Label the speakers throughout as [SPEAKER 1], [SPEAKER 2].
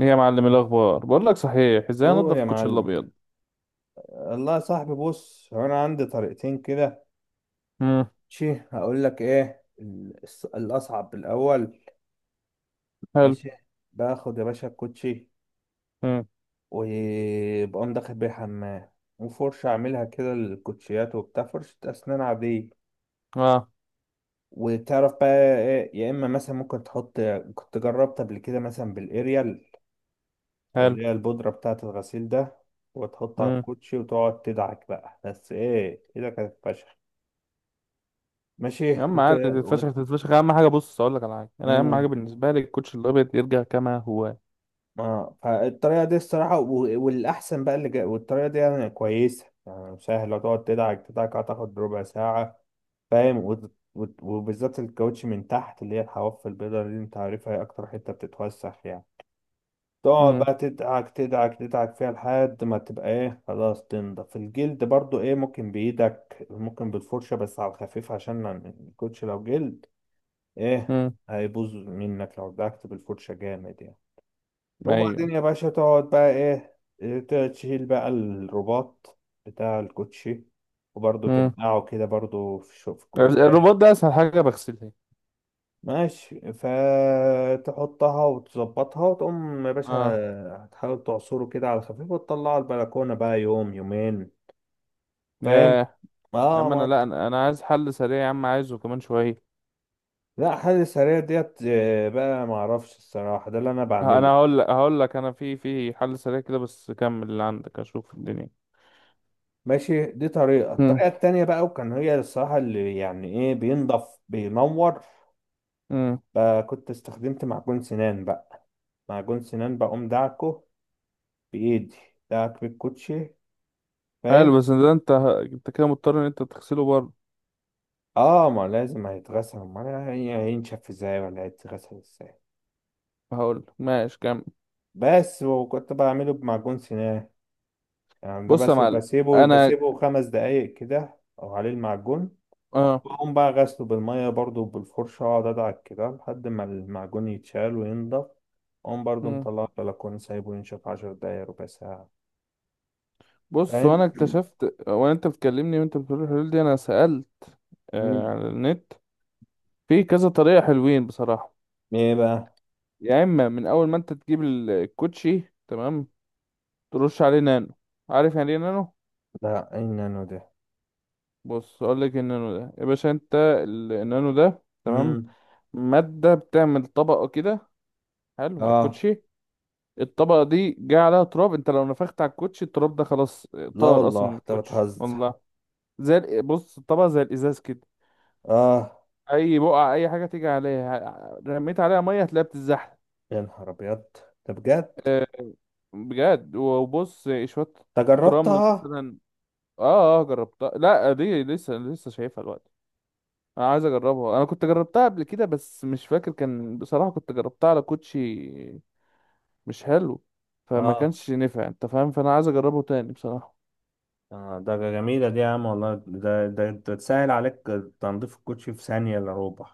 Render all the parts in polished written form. [SPEAKER 1] ايه يا معلم، الاخبار؟ بقول لك صحيح، ازاي
[SPEAKER 2] قول
[SPEAKER 1] انضف
[SPEAKER 2] يا
[SPEAKER 1] الكوتش
[SPEAKER 2] معلم.
[SPEAKER 1] الابيض؟
[SPEAKER 2] الله يا صاحبي، بص هو انا عندي طريقتين كده.
[SPEAKER 1] امم
[SPEAKER 2] ماشي، هقول لك ايه الاصعب الاول.
[SPEAKER 1] حلو.
[SPEAKER 2] ماشي، باخد يا باشا الكوتشي
[SPEAKER 1] امم
[SPEAKER 2] وبقوم داخل بيه حمام، وفرشة اعملها كده للكوتشيات وبتاع، فرشة اسنان عادية.
[SPEAKER 1] اه
[SPEAKER 2] وتعرف بقى ايه، يا اما مثلا ممكن تحط، كنت جربت قبل كده مثلا بالاريال او
[SPEAKER 1] حلو.
[SPEAKER 2] اللي هي البودرة بتاعة الغسيل ده، وتحط على
[SPEAKER 1] امم
[SPEAKER 2] الكوتشي وتقعد تدعك بقى، بس ايه كده كانت فشخ. ماشي.
[SPEAKER 1] يا عم
[SPEAKER 2] وت...
[SPEAKER 1] عادي، تتفشخ تتفشخ، اهم حاجه، بص اقول لك على حاجه، انا اهم حاجه
[SPEAKER 2] امم
[SPEAKER 1] بالنسبه لي الكوتش الابيض يرجع كما هو.
[SPEAKER 2] اه، فالطريقه دي الصراحه والاحسن بقى والطريقه دي يعني كويسه، يعني سهله، تقعد تدعك تدعك، هتاخد ربع ساعه. فاهم؟ وبالذات الكاوتش من تحت اللي هي الحواف البيضاء دي، انت عارفها، هي اكتر حته بتتوسخ يعني. تقعد
[SPEAKER 1] امم
[SPEAKER 2] بقى تدعك تدعك تدعك فيها لحد ما تبقى ايه خلاص تنضف. الجلد برضو ايه، ممكن بايدك ممكن بالفرشه بس على الخفيف، عشان الكوتش لو جلد ايه
[SPEAKER 1] امم
[SPEAKER 2] هيبوظ منك لو دعكت بالفرشه جامد يعني. وبعدين
[SPEAKER 1] ايوه.
[SPEAKER 2] يا باشا تقعد بقى ايه، تشيل بقى الرباط بتاع الكوتشي وبرضه
[SPEAKER 1] امم
[SPEAKER 2] تنقعه كده برضه في في
[SPEAKER 1] الرباط
[SPEAKER 2] كوباية.
[SPEAKER 1] ده اسهل حاجه بغسلها.
[SPEAKER 2] ماشي، فتحطها وتظبطها وتقوم يا باشا
[SPEAKER 1] اه.
[SPEAKER 2] هتحاول تعصره كده على خفيف وتطلعه البلكونة بقى يوم يومين. فاهم؟
[SPEAKER 1] ياه. يا
[SPEAKER 2] اه،
[SPEAKER 1] عم انا،
[SPEAKER 2] ما
[SPEAKER 1] لا
[SPEAKER 2] أنت-
[SPEAKER 1] انا أنا عايز حل سريع يا عم، عايزه كمان شويه.
[SPEAKER 2] لا، حل سريع ديت آه، بقى معرفش الصراحة، ده اللي انا
[SPEAKER 1] انا
[SPEAKER 2] بعمله.
[SPEAKER 1] هقول لك، انا في حل سريع كده، بس كمل اللي عندك اشوف الدنيا.
[SPEAKER 2] ماشي، دي طريقة.
[SPEAKER 1] امم
[SPEAKER 2] الطريقة التانية بقى وكان هي الصراحة اللي يعني ايه بينضف بينور،
[SPEAKER 1] امم
[SPEAKER 2] بقى كنت استخدمت معجون سنان. بقى معجون سنان بقوم دعكه بإيدي، دعك بالكوتشي.
[SPEAKER 1] حلو،
[SPEAKER 2] فاهم؟
[SPEAKER 1] بس ده انت، انت كده مضطر ان انت تغسله بره.
[SPEAKER 2] اه، ما لازم هيتغسل، ما أنا هينشف ازاي ولا هيتغسل ازاي.
[SPEAKER 1] هقول ماشي كمل.
[SPEAKER 2] بس. وكنت بعمله بمعجون سنان يعني ده
[SPEAKER 1] بص يا
[SPEAKER 2] بس،
[SPEAKER 1] معلم، انا،
[SPEAKER 2] بسيبه خمس دقايق كده او عليه المعجون.
[SPEAKER 1] اه.
[SPEAKER 2] بقوم بقى غسله بالمية برضو بالفرشة، اقعد ادعك كده لحد ما المعجون يتشال وينضف. اقوم برضو
[SPEAKER 1] مم.
[SPEAKER 2] مطلعه البلكونة سايبه ينشف عشر دقايق ربع ساعة.
[SPEAKER 1] بص
[SPEAKER 2] فاهم؟
[SPEAKER 1] وانا اكتشفت، وانت بتكلمني وانت بتقول الحلول دي، انا سألت
[SPEAKER 2] مم.
[SPEAKER 1] على النت، في كذا طريقة حلوين بصراحة.
[SPEAKER 2] ايه بقى؟
[SPEAKER 1] يا اما من اول ما انت تجيب الكوتشي تمام، ترش عليه نانو. عارف يعني ايه نانو؟
[SPEAKER 2] لا، اي نانو دي؟
[SPEAKER 1] بص اقول لك، النانو ده يا باشا، انت النانو ده تمام،
[SPEAKER 2] امم،
[SPEAKER 1] مادة بتعمل طبقة كده، حلو، على
[SPEAKER 2] اه.
[SPEAKER 1] الكوتشي. الطبقة دي جاي عليها تراب، انت لو نفخت على الكوتشي التراب ده خلاص،
[SPEAKER 2] لا
[SPEAKER 1] طار اصلا
[SPEAKER 2] والله،
[SPEAKER 1] من
[SPEAKER 2] انت
[SPEAKER 1] الكوتشي
[SPEAKER 2] بتهزر.
[SPEAKER 1] والله. بص، الطبق زي الازاز كده.
[SPEAKER 2] اه،
[SPEAKER 1] اي بقعه، اي حاجه تيجي عليها، رميت عليها ميه هتلاقيها بتتزحلق.
[SPEAKER 2] يا نهار ابيض، ده بجد؟
[SPEAKER 1] آه، بجد، وبص، شويه
[SPEAKER 2] ده
[SPEAKER 1] رمل
[SPEAKER 2] جربتها.
[SPEAKER 1] مثلا، اه اه، جربتها. لا دي لسه لسه شايفها دلوقتي، انا عايز اجربها، انا كنت جربتها قبل كده بس مش فاكر، كان بصراحه كنت جربتها على كوتشي مش حلو، فما
[SPEAKER 2] اه
[SPEAKER 1] كانش نفع، انت فاهم، فانا عايز اجربه تاني بصراحه.
[SPEAKER 2] آه، ده جميلة دي يا عم والله، ده ده ده تسهل عليك تنظيف الكوتشي في ثانية إلا ربع.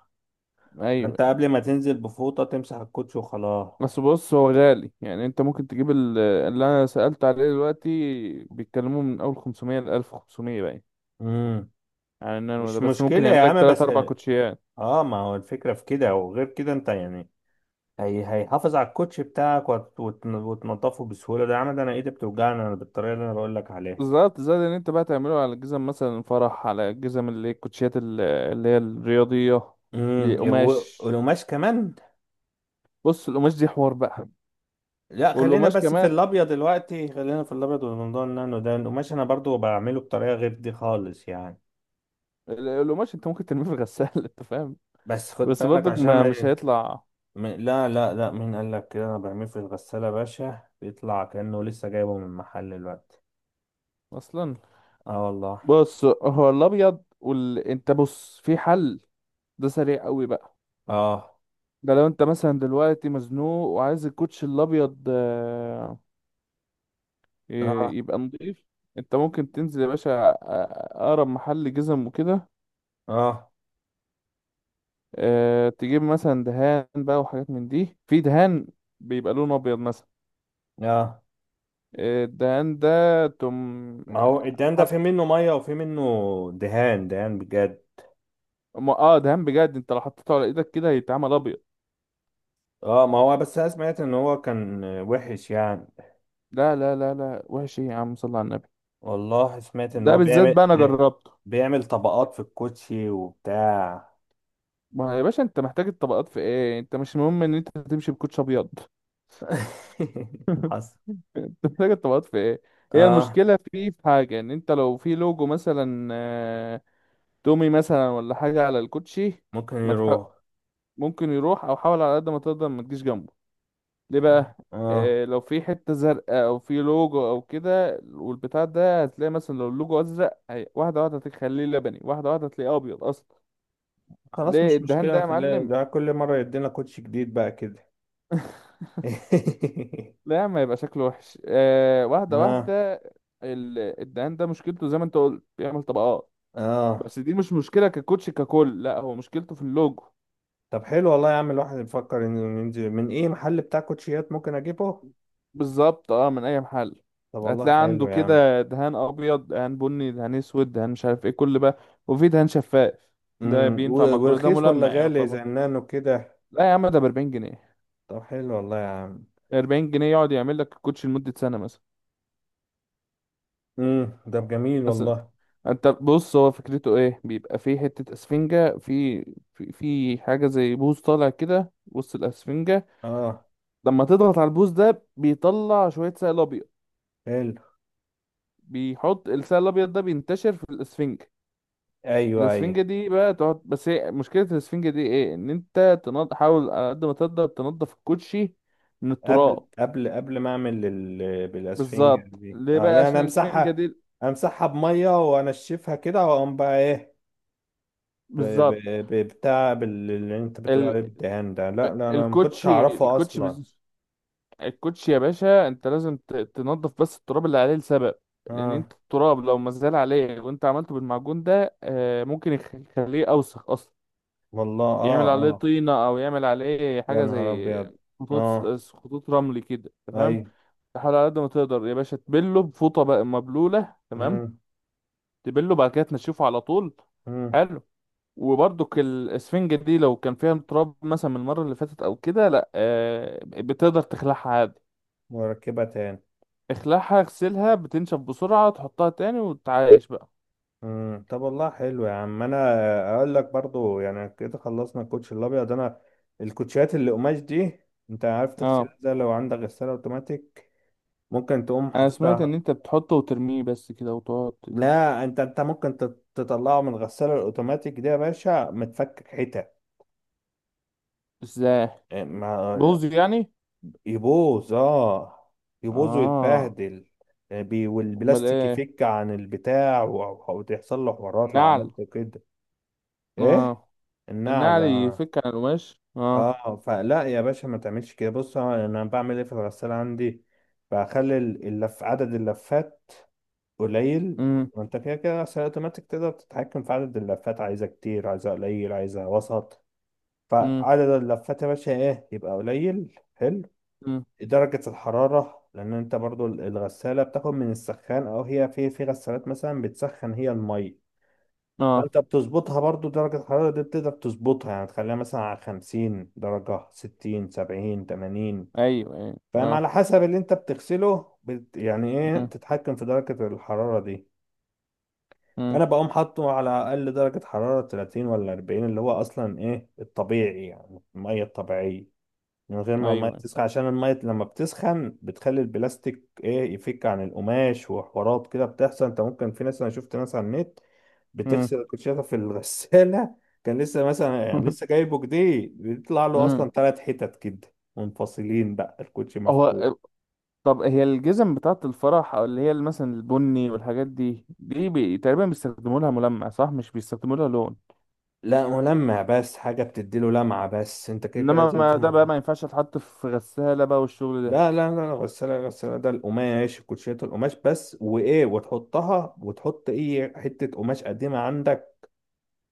[SPEAKER 1] ايوه
[SPEAKER 2] انت
[SPEAKER 1] يعني.
[SPEAKER 2] قبل ما تنزل بفوطة تمسح الكوتشي وخلاص.
[SPEAKER 1] بس بص هو غالي، يعني انت ممكن تجيب اللي انا سألت عليه دلوقتي، بيتكلموا من اول 500 ل 1500 باين،
[SPEAKER 2] امم،
[SPEAKER 1] على النانو ده،
[SPEAKER 2] مش
[SPEAKER 1] بس ممكن
[SPEAKER 2] مشكلة يا
[SPEAKER 1] يعمل لك
[SPEAKER 2] عم
[SPEAKER 1] 3
[SPEAKER 2] بس،
[SPEAKER 1] 4 كوتشيات.
[SPEAKER 2] اه ما هو الفكرة في كده، وغير كده انت يعني هي هيحافظ على الكوتشي بتاعك وتنضفه بسهولة. ده يا عم ده انا ايدي بتوجعني انا بالطريقة اللي انا بقول لك عليها.
[SPEAKER 1] بالظبط، زائد ان انت بقى تعمله على الجزم مثلا، فرح، على الجزم اللي هي الكوتشيات اللي هي الرياضية.
[SPEAKER 2] امم،
[SPEAKER 1] لقماش،
[SPEAKER 2] والقماش كمان.
[SPEAKER 1] بص القماش دي حوار بقى.
[SPEAKER 2] لا، خلينا
[SPEAKER 1] والقماش
[SPEAKER 2] بس في
[SPEAKER 1] كمان،
[SPEAKER 2] الابيض دلوقتي، خلينا في الابيض. والموضوع النانو ده، القماش انا برضو بعمله بطريقه غير دي خالص يعني.
[SPEAKER 1] القماش انت ممكن ترميه في الغسالة انت فاهم،
[SPEAKER 2] بس خد
[SPEAKER 1] بس
[SPEAKER 2] بالك
[SPEAKER 1] برضك
[SPEAKER 2] عشان
[SPEAKER 1] ما
[SPEAKER 2] ما
[SPEAKER 1] مش هيطلع
[SPEAKER 2] لا لا لا، مين قال لك كده؟ انا بعمله في الغساله يا باشا بيطلع كانه لسه جايبه من المحل دلوقتي.
[SPEAKER 1] اصلا.
[SPEAKER 2] اه والله.
[SPEAKER 1] بص هو الابيض انت بص، في حل ده سريع قوي بقى.
[SPEAKER 2] اه
[SPEAKER 1] ده لو انت مثلا دلوقتي مزنوق وعايز الكوتش الابيض آه،
[SPEAKER 2] اه،
[SPEAKER 1] يبقى نضيف. انت ممكن تنزل يا باشا آه، اقرب محل جزم وكده.
[SPEAKER 2] اه
[SPEAKER 1] آه، تجيب مثلا دهان بقى، وحاجات من دي، في دهان بيبقى لونه ابيض مثلا.
[SPEAKER 2] اه،
[SPEAKER 1] آه، الدهان ده تم،
[SPEAKER 2] ما
[SPEAKER 1] آه،
[SPEAKER 2] هو الدهان ده
[SPEAKER 1] حط.
[SPEAKER 2] في منه ميه وفي منه دهان دهان بجد.
[SPEAKER 1] دهان بجد، انت لو حطيته على ايدك كده هيتعمل ابيض.
[SPEAKER 2] اه، ما هو بس انا سمعت ان هو كان وحش يعني.
[SPEAKER 1] لا لا لا لا، وحش ايه يا عم؟ صل على النبي،
[SPEAKER 2] والله سمعت ان
[SPEAKER 1] ده
[SPEAKER 2] هو
[SPEAKER 1] بالذات بقى انا جربته.
[SPEAKER 2] بيعمل طبقات في الكوتشي وبتاع.
[SPEAKER 1] ما يا باشا انت محتاج الطبقات في ايه؟ انت مش مهم ان انت تمشي بكوتش ابيض؟
[SPEAKER 2] حصل.
[SPEAKER 1] تفتكر تبقى في ايه؟ هي
[SPEAKER 2] اه،
[SPEAKER 1] المشكله فيه في حاجه، ان انت لو في لوجو مثلا آه، تومي مثلا ولا حاجه على الكوتشي.
[SPEAKER 2] ممكن
[SPEAKER 1] ما تح...
[SPEAKER 2] يروح.
[SPEAKER 1] ممكن يروح، او حاول على قد ما تقدر ما تجيش جنبه. ليه بقى؟
[SPEAKER 2] اه،
[SPEAKER 1] آه، لو في حته زرقاء او في لوجو او كده والبتاع ده، هتلاقي مثلا لو اللوجو ازرق، واحده واحده هتخليه لبني، واحده واحده هتلاقيه ابيض اصلا.
[SPEAKER 2] خلاص
[SPEAKER 1] ليه
[SPEAKER 2] مش
[SPEAKER 1] الدهان
[SPEAKER 2] مشكلة
[SPEAKER 1] ده يا
[SPEAKER 2] نخليه
[SPEAKER 1] معلم؟
[SPEAKER 2] ده كل مرة يدينا كوتشي جديد بقى كده.
[SPEAKER 1] لا ما يبقى شكله وحش آه، واحده
[SPEAKER 2] اه.
[SPEAKER 1] واحده. الدهان ده مشكلته زي ما انت قلت، بيعمل طبقات،
[SPEAKER 2] اه،
[SPEAKER 1] بس دي مش مشكلة ككوتش ككل، لا هو مشكلته في اللوجو.
[SPEAKER 2] طب حلو والله يا عم، الواحد يفكر انه ينزل من ايه محل بتاع كوتشيات ممكن اجيبه.
[SPEAKER 1] بالظبط، اه، من اي محل.
[SPEAKER 2] طب والله
[SPEAKER 1] هتلاقي عنده
[SPEAKER 2] حلو يا عم.
[SPEAKER 1] كده دهان ابيض، دهان بني، دهان اسود، دهان مش عارف ايه، كل بقى، وفي دهان شفاف، ده
[SPEAKER 2] امم،
[SPEAKER 1] بينفع مع كل ده،
[SPEAKER 2] ورخيص ولا
[SPEAKER 1] ملمع
[SPEAKER 2] غالي
[SPEAKER 1] يعتبر.
[SPEAKER 2] زي النانو كده؟
[SPEAKER 1] لا يا عم ده ب 40 جنيه،
[SPEAKER 2] طب حلو والله يا عم.
[SPEAKER 1] 40 جنيه يقعد يعمل لك الكوتش لمدة سنة مثلا،
[SPEAKER 2] امم، ده جميل
[SPEAKER 1] اصلا.
[SPEAKER 2] والله.
[SPEAKER 1] انت بص، هو فكرته ايه؟ بيبقى في حتة اسفنجة، في حاجة زي بوز طالع كده وسط الاسفنجة.
[SPEAKER 2] اه،
[SPEAKER 1] لما تضغط على البوز ده، بيطلع شوية سائل ابيض.
[SPEAKER 2] حلو.
[SPEAKER 1] بيحط السائل الابيض ده بينتشر في الاسفنجة.
[SPEAKER 2] ايوه ايوه،
[SPEAKER 1] الاسفنجة دي بقى تقعد، بس هي مشكلة الاسفنجة دي ايه؟ ان انت حاول على قد ما تقدر تنضف الكوتشي من
[SPEAKER 2] قبل
[SPEAKER 1] التراب.
[SPEAKER 2] قبل قبل ما اعمل بالاسفنج
[SPEAKER 1] بالظبط،
[SPEAKER 2] دي،
[SPEAKER 1] ليه
[SPEAKER 2] اه
[SPEAKER 1] بقى؟
[SPEAKER 2] يعني
[SPEAKER 1] عشان الاسفنجة
[SPEAKER 2] امسحها؟
[SPEAKER 1] دي،
[SPEAKER 2] امسحها بميه وانشفها كده، واقوم بقى ايه
[SPEAKER 1] بالظبط.
[SPEAKER 2] بتاع اللي انت بتقول
[SPEAKER 1] ال...
[SPEAKER 2] عليه بالدهان ده. لا لا، انا ما كنتش
[SPEAKER 1] الكوتشي،
[SPEAKER 2] اعرفه اصلا.
[SPEAKER 1] الكوتشي يا باشا انت لازم تنضف بس التراب اللي عليه لسبب. لان
[SPEAKER 2] اه
[SPEAKER 1] انت التراب لو مازال عليه وانت عملته بالمعجون ده آه، ممكن يخليه اوسخ اصلا.
[SPEAKER 2] والله.
[SPEAKER 1] يعمل
[SPEAKER 2] اه
[SPEAKER 1] عليه
[SPEAKER 2] اه،
[SPEAKER 1] طينة أو يعمل عليه
[SPEAKER 2] يا
[SPEAKER 1] حاجة
[SPEAKER 2] نهار
[SPEAKER 1] زي
[SPEAKER 2] ابيض.
[SPEAKER 1] خطوط،
[SPEAKER 2] اه.
[SPEAKER 1] خطوط رمل كده، تمام.
[SPEAKER 2] ايوه.
[SPEAKER 1] تحاول على قد ما تقدر يا باشا تبله بفوطة بقى مبلولة، تمام،
[SPEAKER 2] امم.
[SPEAKER 1] تبله بعد كده تنشفه على طول.
[SPEAKER 2] امم،
[SPEAKER 1] حلو. وبرضك الاسفنجة دي لو كان فيها تراب مثلا من المرة اللي فاتت أو كده، لأ آه، بتقدر تخلعها عادي،
[SPEAKER 2] واركبها تاني.
[SPEAKER 1] اخلعها اغسلها، بتنشف بسرعة، تحطها تاني وتعايش بقى.
[SPEAKER 2] امم، طب والله حلو يا عم. انا اقول لك برضو يعني كده خلصنا الكوتش الابيض. انا الكوتشيات اللي قماش دي، انت عارف تغسلها
[SPEAKER 1] اه،
[SPEAKER 2] ازاي لو عندك غساله اوتوماتيك؟ ممكن تقوم
[SPEAKER 1] انا سمعت
[SPEAKER 2] حاططها.
[SPEAKER 1] ان انت بتحطه وترميه بس كده وتقعد.
[SPEAKER 2] لا، انت انت ممكن تطلعه من الغساله الاوتوماتيك دي يا باشا متفكك حتت.
[SPEAKER 1] ازاي؟
[SPEAKER 2] إيه، ما
[SPEAKER 1] بوظ يعني؟
[SPEAKER 2] يبوظ. اه، يبوظ
[SPEAKER 1] اه.
[SPEAKER 2] ويتبهدل. إيه،
[SPEAKER 1] امال
[SPEAKER 2] والبلاستيك
[SPEAKER 1] ايه؟
[SPEAKER 2] يفك عن البتاع وتحصل له حوارات لو
[SPEAKER 1] النعل.
[SPEAKER 2] عملت كده. ايه،
[SPEAKER 1] اه،
[SPEAKER 2] النعل.
[SPEAKER 1] النعل يفك عن القماش، اه.
[SPEAKER 2] اه، فلا يا باشا ما تعملش كده. بص انا بعمل ايه في الغسالة عندي، بخلي اللف، عدد اللفات قليل.
[SPEAKER 1] امم.
[SPEAKER 2] وانت كده كده غسالة اوتوماتيك تقدر تتحكم في عدد اللفات، عايزة كتير عايزة قليل عايزة وسط.
[SPEAKER 1] امم.
[SPEAKER 2] فعدد اللفات يا باشا ايه يبقى قليل، حلو.
[SPEAKER 1] امم.
[SPEAKER 2] درجة الحرارة، لأن أنت برضو الغسالة بتاخد من السخان، أو هي في غسالات مثلا بتسخن هي المية.
[SPEAKER 1] اه.
[SPEAKER 2] فانت بتظبطها برضو درجة الحرارة دي، بتقدر تظبطها يعني تخليها مثلا على 50 درجة، 60، 70، 80.
[SPEAKER 1] ايوه ايوه.
[SPEAKER 2] فاهم؟ على
[SPEAKER 1] اه.
[SPEAKER 2] حسب اللي انت بتغسله بت يعني ايه
[SPEAKER 1] امم.
[SPEAKER 2] تتحكم في درجة الحرارة دي.
[SPEAKER 1] امم.
[SPEAKER 2] فانا بقوم حاطه على اقل درجة حرارة، 30 ولا 40، اللي هو اصلا ايه الطبيعي يعني، المية الطبيعية من غير ما المية
[SPEAKER 1] ايوه.
[SPEAKER 2] تسخن. عشان المية لما بتسخن بتخلي البلاستيك ايه يفك عن القماش وحوارات كده بتحصل. انت ممكن، في ناس انا شفت ناس على النت
[SPEAKER 1] امم.
[SPEAKER 2] بتغسل الكوتشيه في الغسالة كان لسه مثلا يعني لسه جايبه جديد، بيطلع له
[SPEAKER 1] امم.
[SPEAKER 2] اصلا ثلاث حتت كده منفصلين، بقى الكوتشي مفقود.
[SPEAKER 1] هو، طب هي الجزم بتاعة الفرح او اللي هي مثلا البني والحاجات دي، تقريبا بيستخدموا لها ملمع صح، مش بيستخدموا لها لون.
[SPEAKER 2] لا ملمع بس، حاجة بتديله لمعة بس، انت كده كده
[SPEAKER 1] انما
[SPEAKER 2] لازم
[SPEAKER 1] ما ده بقى
[SPEAKER 2] تعمل.
[SPEAKER 1] ما ينفعش تحط في غسالة بقى والشغل ده.
[SPEAKER 2] لا لا لا لا، غسالة غسالة ده القماش، كوتشيات القماش بس. وإيه، وتحطها وتحط أي حتة قماش قديمة عندك،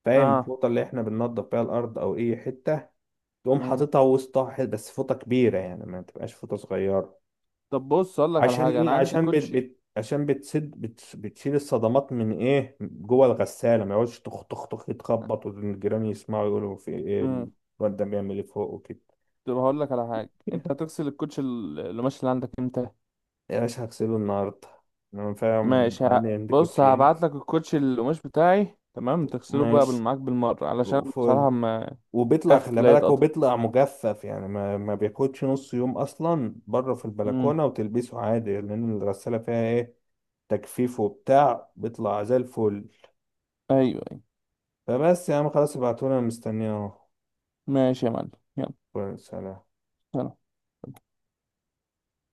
[SPEAKER 2] فاهم؟
[SPEAKER 1] اه.
[SPEAKER 2] الفوطة اللي احنا بننضف بيها الأرض أو أي حتة، تقوم
[SPEAKER 1] امم
[SPEAKER 2] حاططها وسطها بس فوطة كبيرة يعني ما تبقاش فوطة صغيرة.
[SPEAKER 1] طب بص اقول لك على
[SPEAKER 2] عشان
[SPEAKER 1] حاجة، انا
[SPEAKER 2] ليه؟
[SPEAKER 1] عندي
[SPEAKER 2] عشان
[SPEAKER 1] كوتشي.
[SPEAKER 2] عشان بتسد بتشيل الصدمات من إيه جوه الغسالة، ما يقعدش تخ تخ تخ يتخبط والجيران يسمعوا يقولوا في إيه الواد ده بيعمل إيه فوق وكده.
[SPEAKER 1] طب هقول لك على حاجه، انت هتغسل الكوتش القماش اللي عندك امتى؟
[SPEAKER 2] يا باشا هغسله النهاردة. أنا فاهم،
[SPEAKER 1] ماشي،
[SPEAKER 2] أنا عندي
[SPEAKER 1] بص هبعت
[SPEAKER 2] كوتشين.
[SPEAKER 1] لك الكوتش القماش بتاعي، تمام، تغسله بقى
[SPEAKER 2] ماشي.
[SPEAKER 1] معاك بالمره، علشان
[SPEAKER 2] وفوق.
[SPEAKER 1] بصراحه ما...
[SPEAKER 2] وبيطلع،
[SPEAKER 1] خاف
[SPEAKER 2] خلي
[SPEAKER 1] لا
[SPEAKER 2] بالك هو
[SPEAKER 1] يتقطع.
[SPEAKER 2] بيطلع مجفف يعني، ما بياخدش نص يوم اصلا بره في
[SPEAKER 1] امم.
[SPEAKER 2] البلكونه وتلبسه عادي، لان الغساله فيها ايه تجفيف وبتاع، بيطلع زي الفل.
[SPEAKER 1] ايوه ايوه.
[SPEAKER 2] فبس يا عم خلاص، ابعتولي انا مستنيه اهو.
[SPEAKER 1] ماشي يا معلم، يلا،
[SPEAKER 2] سلام.
[SPEAKER 1] سلام.